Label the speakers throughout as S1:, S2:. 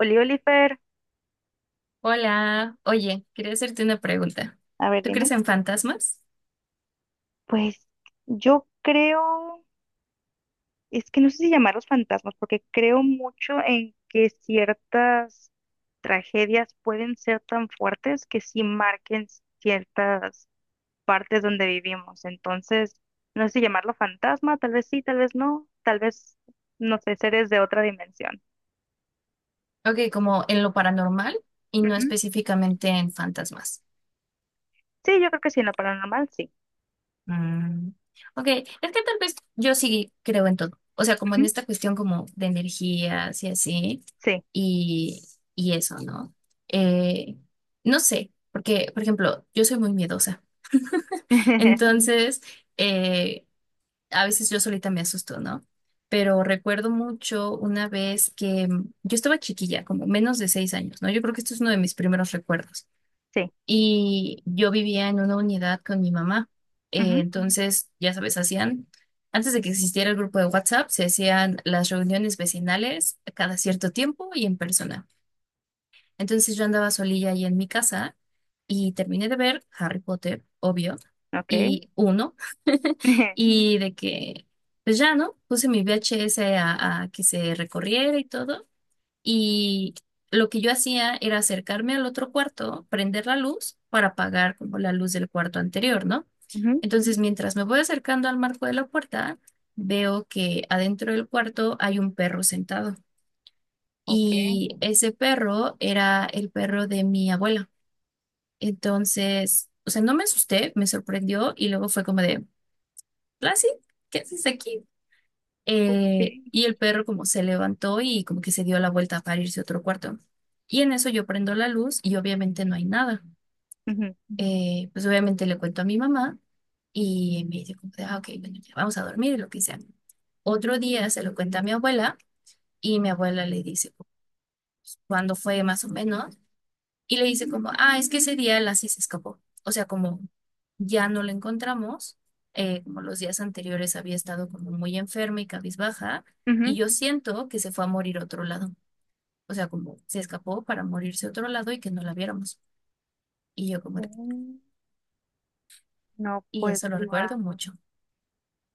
S1: Oliver,
S2: Hola, oye, quería hacerte una pregunta.
S1: a ver,
S2: ¿Tú crees
S1: dime.
S2: en fantasmas?
S1: Pues yo creo, es que no sé si llamarlos fantasmas, porque creo mucho en que ciertas tragedias pueden ser tan fuertes que sí marquen ciertas partes donde vivimos. Entonces, no sé si llamarlo fantasma, tal vez sí, tal vez, no sé, seres de otra dimensión.
S2: Ok, como en lo paranormal y no
S1: Ujú.
S2: específicamente en fantasmas.
S1: Sí, yo creo que sí, en lo paranormal, sí.
S2: Mm, ok, es que tal vez yo sí creo en todo. O sea, como en
S1: Ujú.
S2: esta cuestión como de energías y así,
S1: Sí,
S2: y, y eso, ¿no? Eh, no sé, porque, por ejemplo, yo soy muy miedosa. Entonces, eh, a veces yo solita me asusto, ¿no? Pero recuerdo mucho una vez que yo estaba chiquilla, como menos de seis años, ¿no? Yo creo que esto es uno de mis primeros recuerdos.
S1: sí,
S2: Y yo vivía en una unidad con mi mamá.
S1: ujú,
S2: Entonces, ya sabes, hacían, antes de que existiera el grupo de WhatsApp, se hacían las reuniones vecinales cada cierto tiempo y en persona. Entonces yo andaba solilla ahí en mi casa y terminé de ver Harry Potter, obvio,
S1: ok.
S2: y uno, y de que, pues ya, ¿no? Puse mi VHS a que se recorriera y todo, y lo que yo hacía era acercarme al otro cuarto, prender la luz para apagar como la luz del cuarto anterior, ¿no?
S1: Ujú,
S2: Entonces, mientras me voy acercando al marco de la puerta, veo que adentro del cuarto hay un perro sentado.
S1: ok.
S2: Y ese perro era el perro de mi abuela. Entonces, o sea, no me asusté, me sorprendió y luego fue como de, Lassie, ¿qué haces aquí?
S1: Ok.
S2: Y el perro como se levantó y como que se dio la vuelta para irse a otro cuarto. Y en eso yo prendo la luz y obviamente no hay nada.
S1: Ujú,
S2: Pues obviamente le cuento a mi mamá y me dice como de, ah, ok, bueno, ya vamos a dormir y lo que sea. Otro día se lo cuenta a mi abuela y mi abuela le dice, ¿cuando fue más o menos? Y le dice como, ah, es que ese día Lassie se escapó. O sea, como ya no la encontramos, como los días anteriores había estado como muy enferma y cabizbaja, y
S1: ujú.
S2: yo siento que se fue a morir a otro lado. O sea, como se escapó para morirse a otro lado y que no la viéramos. Y yo como,
S1: Mm, no,
S2: y
S1: pues,
S2: eso lo
S1: guau.
S2: recuerdo mucho.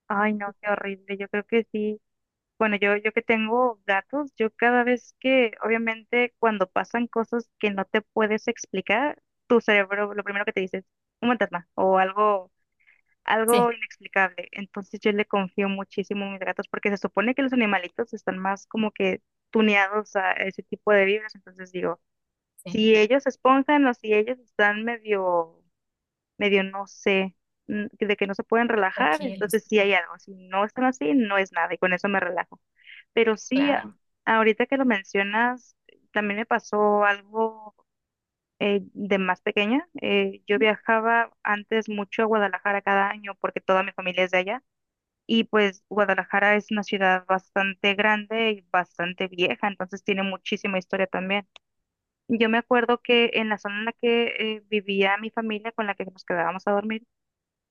S1: Ay, no, qué horrible. Yo creo que sí. Bueno, yo que tengo gatos, yo cada vez que, obviamente, cuando pasan cosas que no te puedes explicar, tu cerebro, lo primero que te dice es un fantasma o algo,
S2: Sí,
S1: algo inexplicable. Entonces yo le confío muchísimo a mis gatos porque se supone que los animalitos están más como que tuneados a ese tipo de vibras. Entonces digo,
S2: sí,
S1: si ellos se esponjan o si ellos están medio no sé, de que no se pueden relajar,
S2: tranquilos,
S1: entonces sí hay algo, si no están así, no es nada y con eso me relajo. Pero sí,
S2: claro.
S1: ahorita que lo mencionas, también me pasó algo de más pequeña. Yo viajaba antes mucho a Guadalajara cada año porque toda mi familia es de allá. Y pues Guadalajara es una ciudad bastante grande y bastante vieja, entonces tiene muchísima historia también. Yo me acuerdo que en la zona en la que vivía mi familia con la que nos quedábamos a dormir,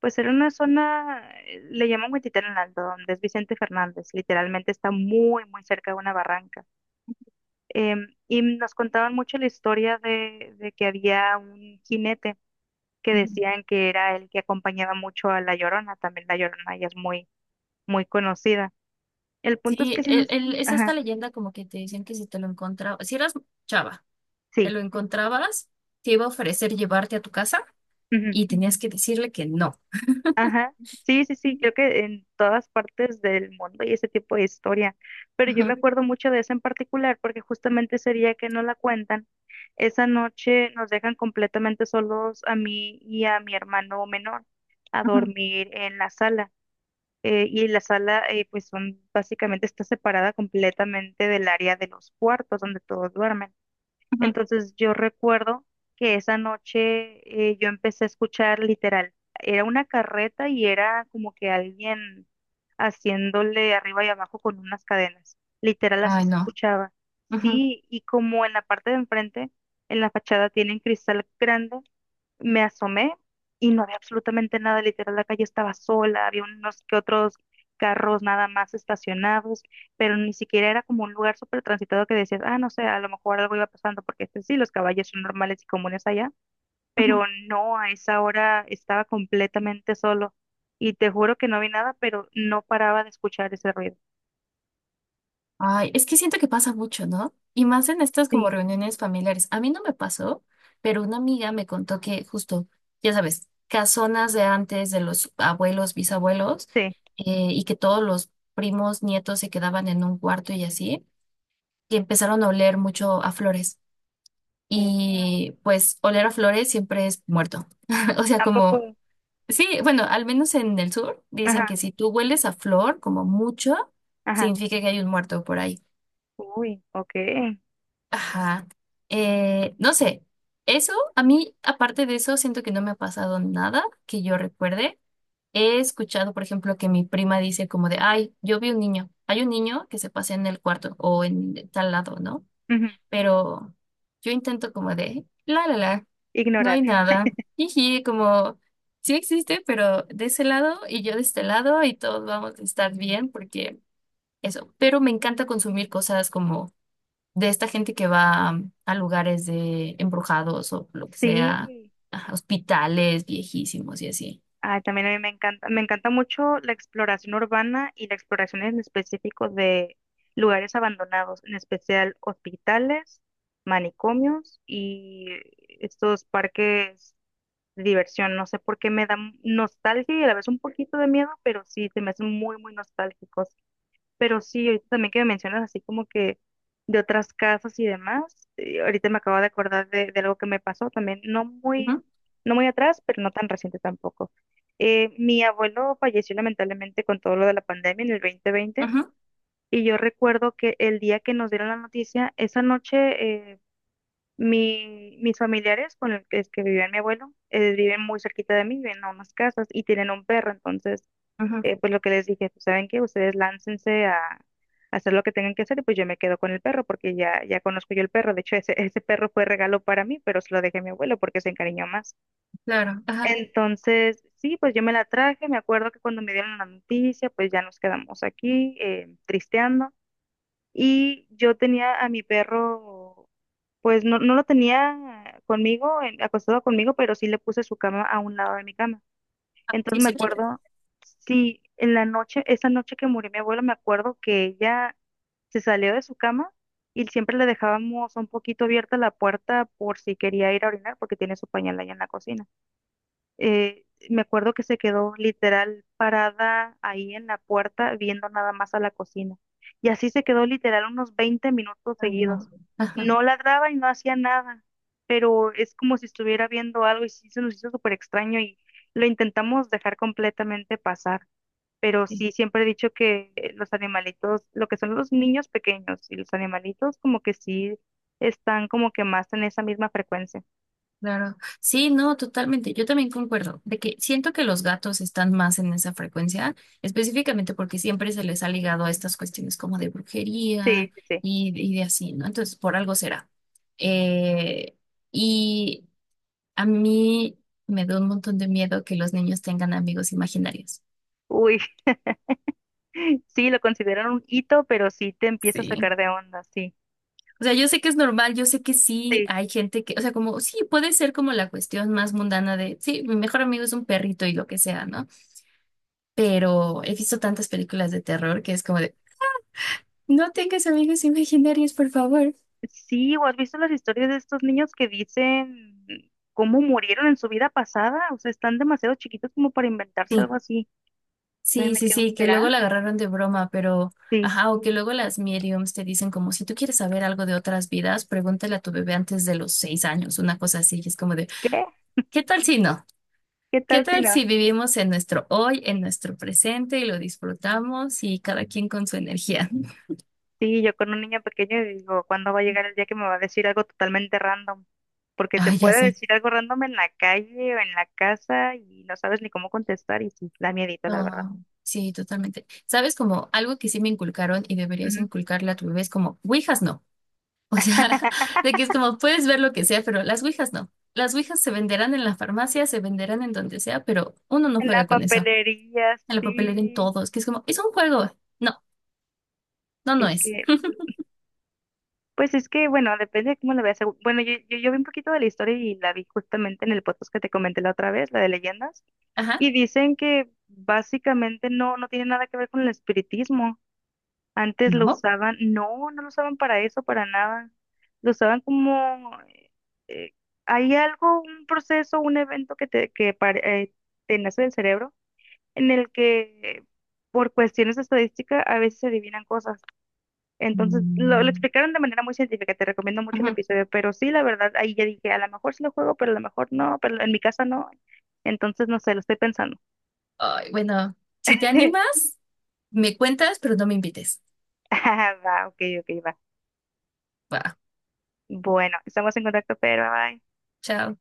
S1: pues era una zona, le llaman Huentitán en alto donde es Vicente Fernández, literalmente está muy, muy cerca de una barranca. Y nos contaban mucho la historia de que había un jinete que
S2: Ujú.
S1: decían que era el que acompañaba mucho a La Llorona, también La Llorona ya es muy, muy conocida. El punto es
S2: Sí,
S1: que sí nos.
S2: es esta
S1: Ajá,
S2: leyenda como que te dicen que si te lo encontrabas, si eras chava, te
S1: sí.
S2: lo encontrabas, te iba a ofrecer llevarte a tu casa. Y tenías que decirle que no.
S1: Ajá, sí, sí, sí, creo que en todas partes del mundo y ese tipo de historia, pero yo
S2: Ujú,
S1: me acuerdo mucho de esa en particular porque justamente ese día que no la cuentan, esa noche nos dejan completamente solos a mí y a mi hermano menor a
S2: ujú,
S1: dormir en la sala y la sala pues son básicamente está separada completamente del área de los cuartos donde todos duermen.
S2: ujú.
S1: Entonces yo recuerdo que esa noche yo empecé a escuchar literal, era una carreta y era como que alguien haciéndole arriba y abajo con unas cadenas. Literal así
S2: Ay,
S1: se
S2: no.
S1: escuchaba.
S2: Ujú,
S1: Sí, y como en la parte de enfrente, en la fachada tienen cristal grande, me asomé y no había absolutamente nada, literal, la calle estaba sola, había unos que otros carros nada más estacionados, pero ni siquiera era como un lugar súper transitado que decías, ah, no sé, a lo mejor algo iba pasando, porque este, sí, los caballos son normales y comunes allá, pero
S2: ujú.
S1: no, a esa hora estaba completamente solo y te juro que no vi nada, pero no paraba de escuchar ese ruido.
S2: Ay, es que siento que pasa mucho, ¿no? Y más en estas como
S1: Sí,
S2: reuniones familiares. A mí no me pasó, pero una amiga me contó que justo, ya sabes, casonas de antes, de los abuelos, bisabuelos,
S1: sí.
S2: y que todos los primos, nietos se quedaban en un cuarto y así, y empezaron a oler mucho a flores.
S1: Oh.
S2: Y pues oler a flores siempre es muerto. O sea,
S1: ¿A poco?
S2: como sí, bueno, al menos en el sur dicen
S1: Ajá,
S2: que si tú hueles a flor como mucho,
S1: ajá.
S2: significa que hay un muerto por ahí.
S1: Uy, ok.
S2: Ajá. No sé, eso a mí, aparte de eso, siento que no me ha pasado nada que yo recuerde. He escuchado, por ejemplo, que mi prima dice como de, ay, yo vi un niño, hay un niño que se pasea en el cuarto o en tal lado, ¿no?
S1: Ujú.
S2: Pero yo intento como de, la, la, la. No
S1: Ignorar.
S2: hay nada. Jiji, como sí existe, pero de ese lado y yo de este lado y todos vamos a estar bien porque eso. Pero me encanta consumir cosas como de esta gente que va a lugares de embrujados o lo que sea,
S1: Sí.
S2: ajá, hospitales viejísimos y así.
S1: Ay, también a mí me encanta mucho la exploración urbana y la exploración en específico de lugares abandonados, en especial hospitales, manicomios y estos parques de diversión. No sé por qué me dan nostalgia y a la vez un poquito de miedo, pero sí, se me hacen muy, muy nostálgicos. Pero sí, ahorita también que me mencionas así como que de otras casas y demás, ahorita me acabo de acordar de algo que me pasó también,
S2: Ujú,
S1: no muy atrás, pero no tan reciente tampoco. Mi abuelo falleció lamentablemente con todo lo de la pandemia en el 2020
S2: ujú,
S1: y yo recuerdo que el día que nos dieron la noticia, esa noche eh, mis familiares con el que, es que vivía mi abuelo, viven muy cerquita de mí, viven a unas casas y tienen un perro, entonces
S2: ujú,
S1: pues lo que les dije, pues saben que ustedes láncense a hacer lo que tengan que hacer y pues yo me quedo con el perro porque ya conozco yo el perro. De hecho, ese perro fue regalo para mí, pero se lo dejé a mi abuelo porque se encariñó más.
S2: claro, ajá.
S1: Entonces, sí, pues yo me la traje. Me acuerdo que cuando me dieron la noticia, pues ya nos quedamos aquí tristeando. Y yo tenía a mi perro, pues no lo tenía conmigo, acostado conmigo, pero sí le puse su cama a un lado de mi cama.
S2: Sí,
S1: Entonces me
S2: sí,
S1: acuerdo, sí, en la noche, esa noche que murió mi abuela, me acuerdo que ella se salió de su cama y siempre le dejábamos un poquito abierta la puerta por si quería ir a orinar porque tiene su pañal allá en la cocina eh, me acuerdo que se quedó literal parada ahí en la puerta viendo nada más a la cocina. Y así se quedó literal unos 20 minutos
S2: ay, no.
S1: seguidos.
S2: Ajá,
S1: No ladraba y no hacía nada, pero es como si estuviera viendo algo y sí se nos hizo súper extraño y lo intentamos dejar completamente pasar. Pero
S2: sí,
S1: sí, siempre he dicho que los animalitos, lo que son los niños pequeños y los animalitos como que sí están como que más en esa misma frecuencia.
S2: claro. Sí, no, totalmente. Yo también concuerdo de que siento que los gatos están más en esa frecuencia, específicamente porque siempre se les ha ligado a estas cuestiones como de brujería
S1: Sí, sí, sí.
S2: y de así, ¿no? Entonces, por algo será. Eh, y a mí me da un montón de miedo que los niños tengan amigos imaginarios.
S1: Uy, sí, lo consideran un hito, pero sí te empieza a
S2: Sí.
S1: sacar de onda, sí.
S2: O sea, yo sé que es normal, yo sé que sí
S1: Sí,
S2: hay gente que, o sea, como sí puede ser como la cuestión más mundana de, sí, mi mejor amigo es un perrito y lo que sea, ¿no? Pero he visto tantas películas de terror que es como de, no tengas amigos imaginarios, por favor.
S1: sí, ¿o has visto las historias de estos niños que dicen cómo murieron en su vida pasada? O sea, están demasiado chiquitos como para inventarse
S2: Sí,
S1: algo así. Entonces
S2: sí,
S1: me
S2: sí,
S1: quedo,
S2: sí, que
S1: ¿será?
S2: luego la agarraron de broma, pero,
S1: Sí.
S2: ajá, o que luego las mediums te dicen como, si tú quieres saber algo de otras vidas, pregúntale a tu bebé antes de los seis años, una cosa así, y es como de,
S1: ¿Qué?
S2: ¿qué tal si no?
S1: ¿Qué
S2: ¿Qué
S1: tal si
S2: tal
S1: no?
S2: si vivimos en nuestro hoy, en nuestro presente y lo disfrutamos y cada quien con su energía?
S1: Sí, yo con un niño pequeño digo, ¿cuándo va a llegar el día que me va a decir algo totalmente random? Porque te
S2: Ay, ya
S1: puede
S2: se
S1: decir algo random en la calle o en la casa y no sabes ni cómo contestar y sí, da miedito, la verdad.
S2: no, sí, totalmente. Sabes, como algo que sí me inculcaron y deberías
S1: Ujú.
S2: inculcarle a tu bebé es como, ouijas no. O sea, de que es como, puedes ver lo que sea, pero las ouijas no. Las ouijas se venderán en la farmacia, se venderán en donde sea, pero uno no
S1: En la
S2: juega con eso.
S1: papelería,
S2: En la papelera, en
S1: sí.
S2: todos, que es como, es un juego. No, no, no
S1: Es
S2: es.
S1: que, pues es que, bueno, depende de cómo lo veas. Bueno, yo vi un poquito de la historia y la vi justamente en el podcast que te comenté la otra vez, la de leyendas,
S2: Ajá.
S1: y dicen que básicamente no tiene nada que ver con el espiritismo. Antes lo
S2: ¿No?
S1: usaban, no lo usaban para eso, para nada. Lo usaban como, eh, hay algo, un proceso, un evento que te, que pare- te nace del cerebro en el que por cuestiones de estadística a veces se adivinan cosas. Entonces, lo
S2: Mm,
S1: explicaron de manera muy científica, te recomiendo mucho el
S2: ujú.
S1: episodio, pero sí, la verdad, ahí ya dije, a lo mejor sí lo juego, pero a lo mejor no, pero en mi casa no. Entonces, no sé, lo estoy pensando.
S2: Ay, bueno, si te animas, me cuentas, pero no me invites.
S1: Ah, va, ok, ok, va.
S2: Va,
S1: Bueno, estamos en contacto, pero bye.
S2: chao.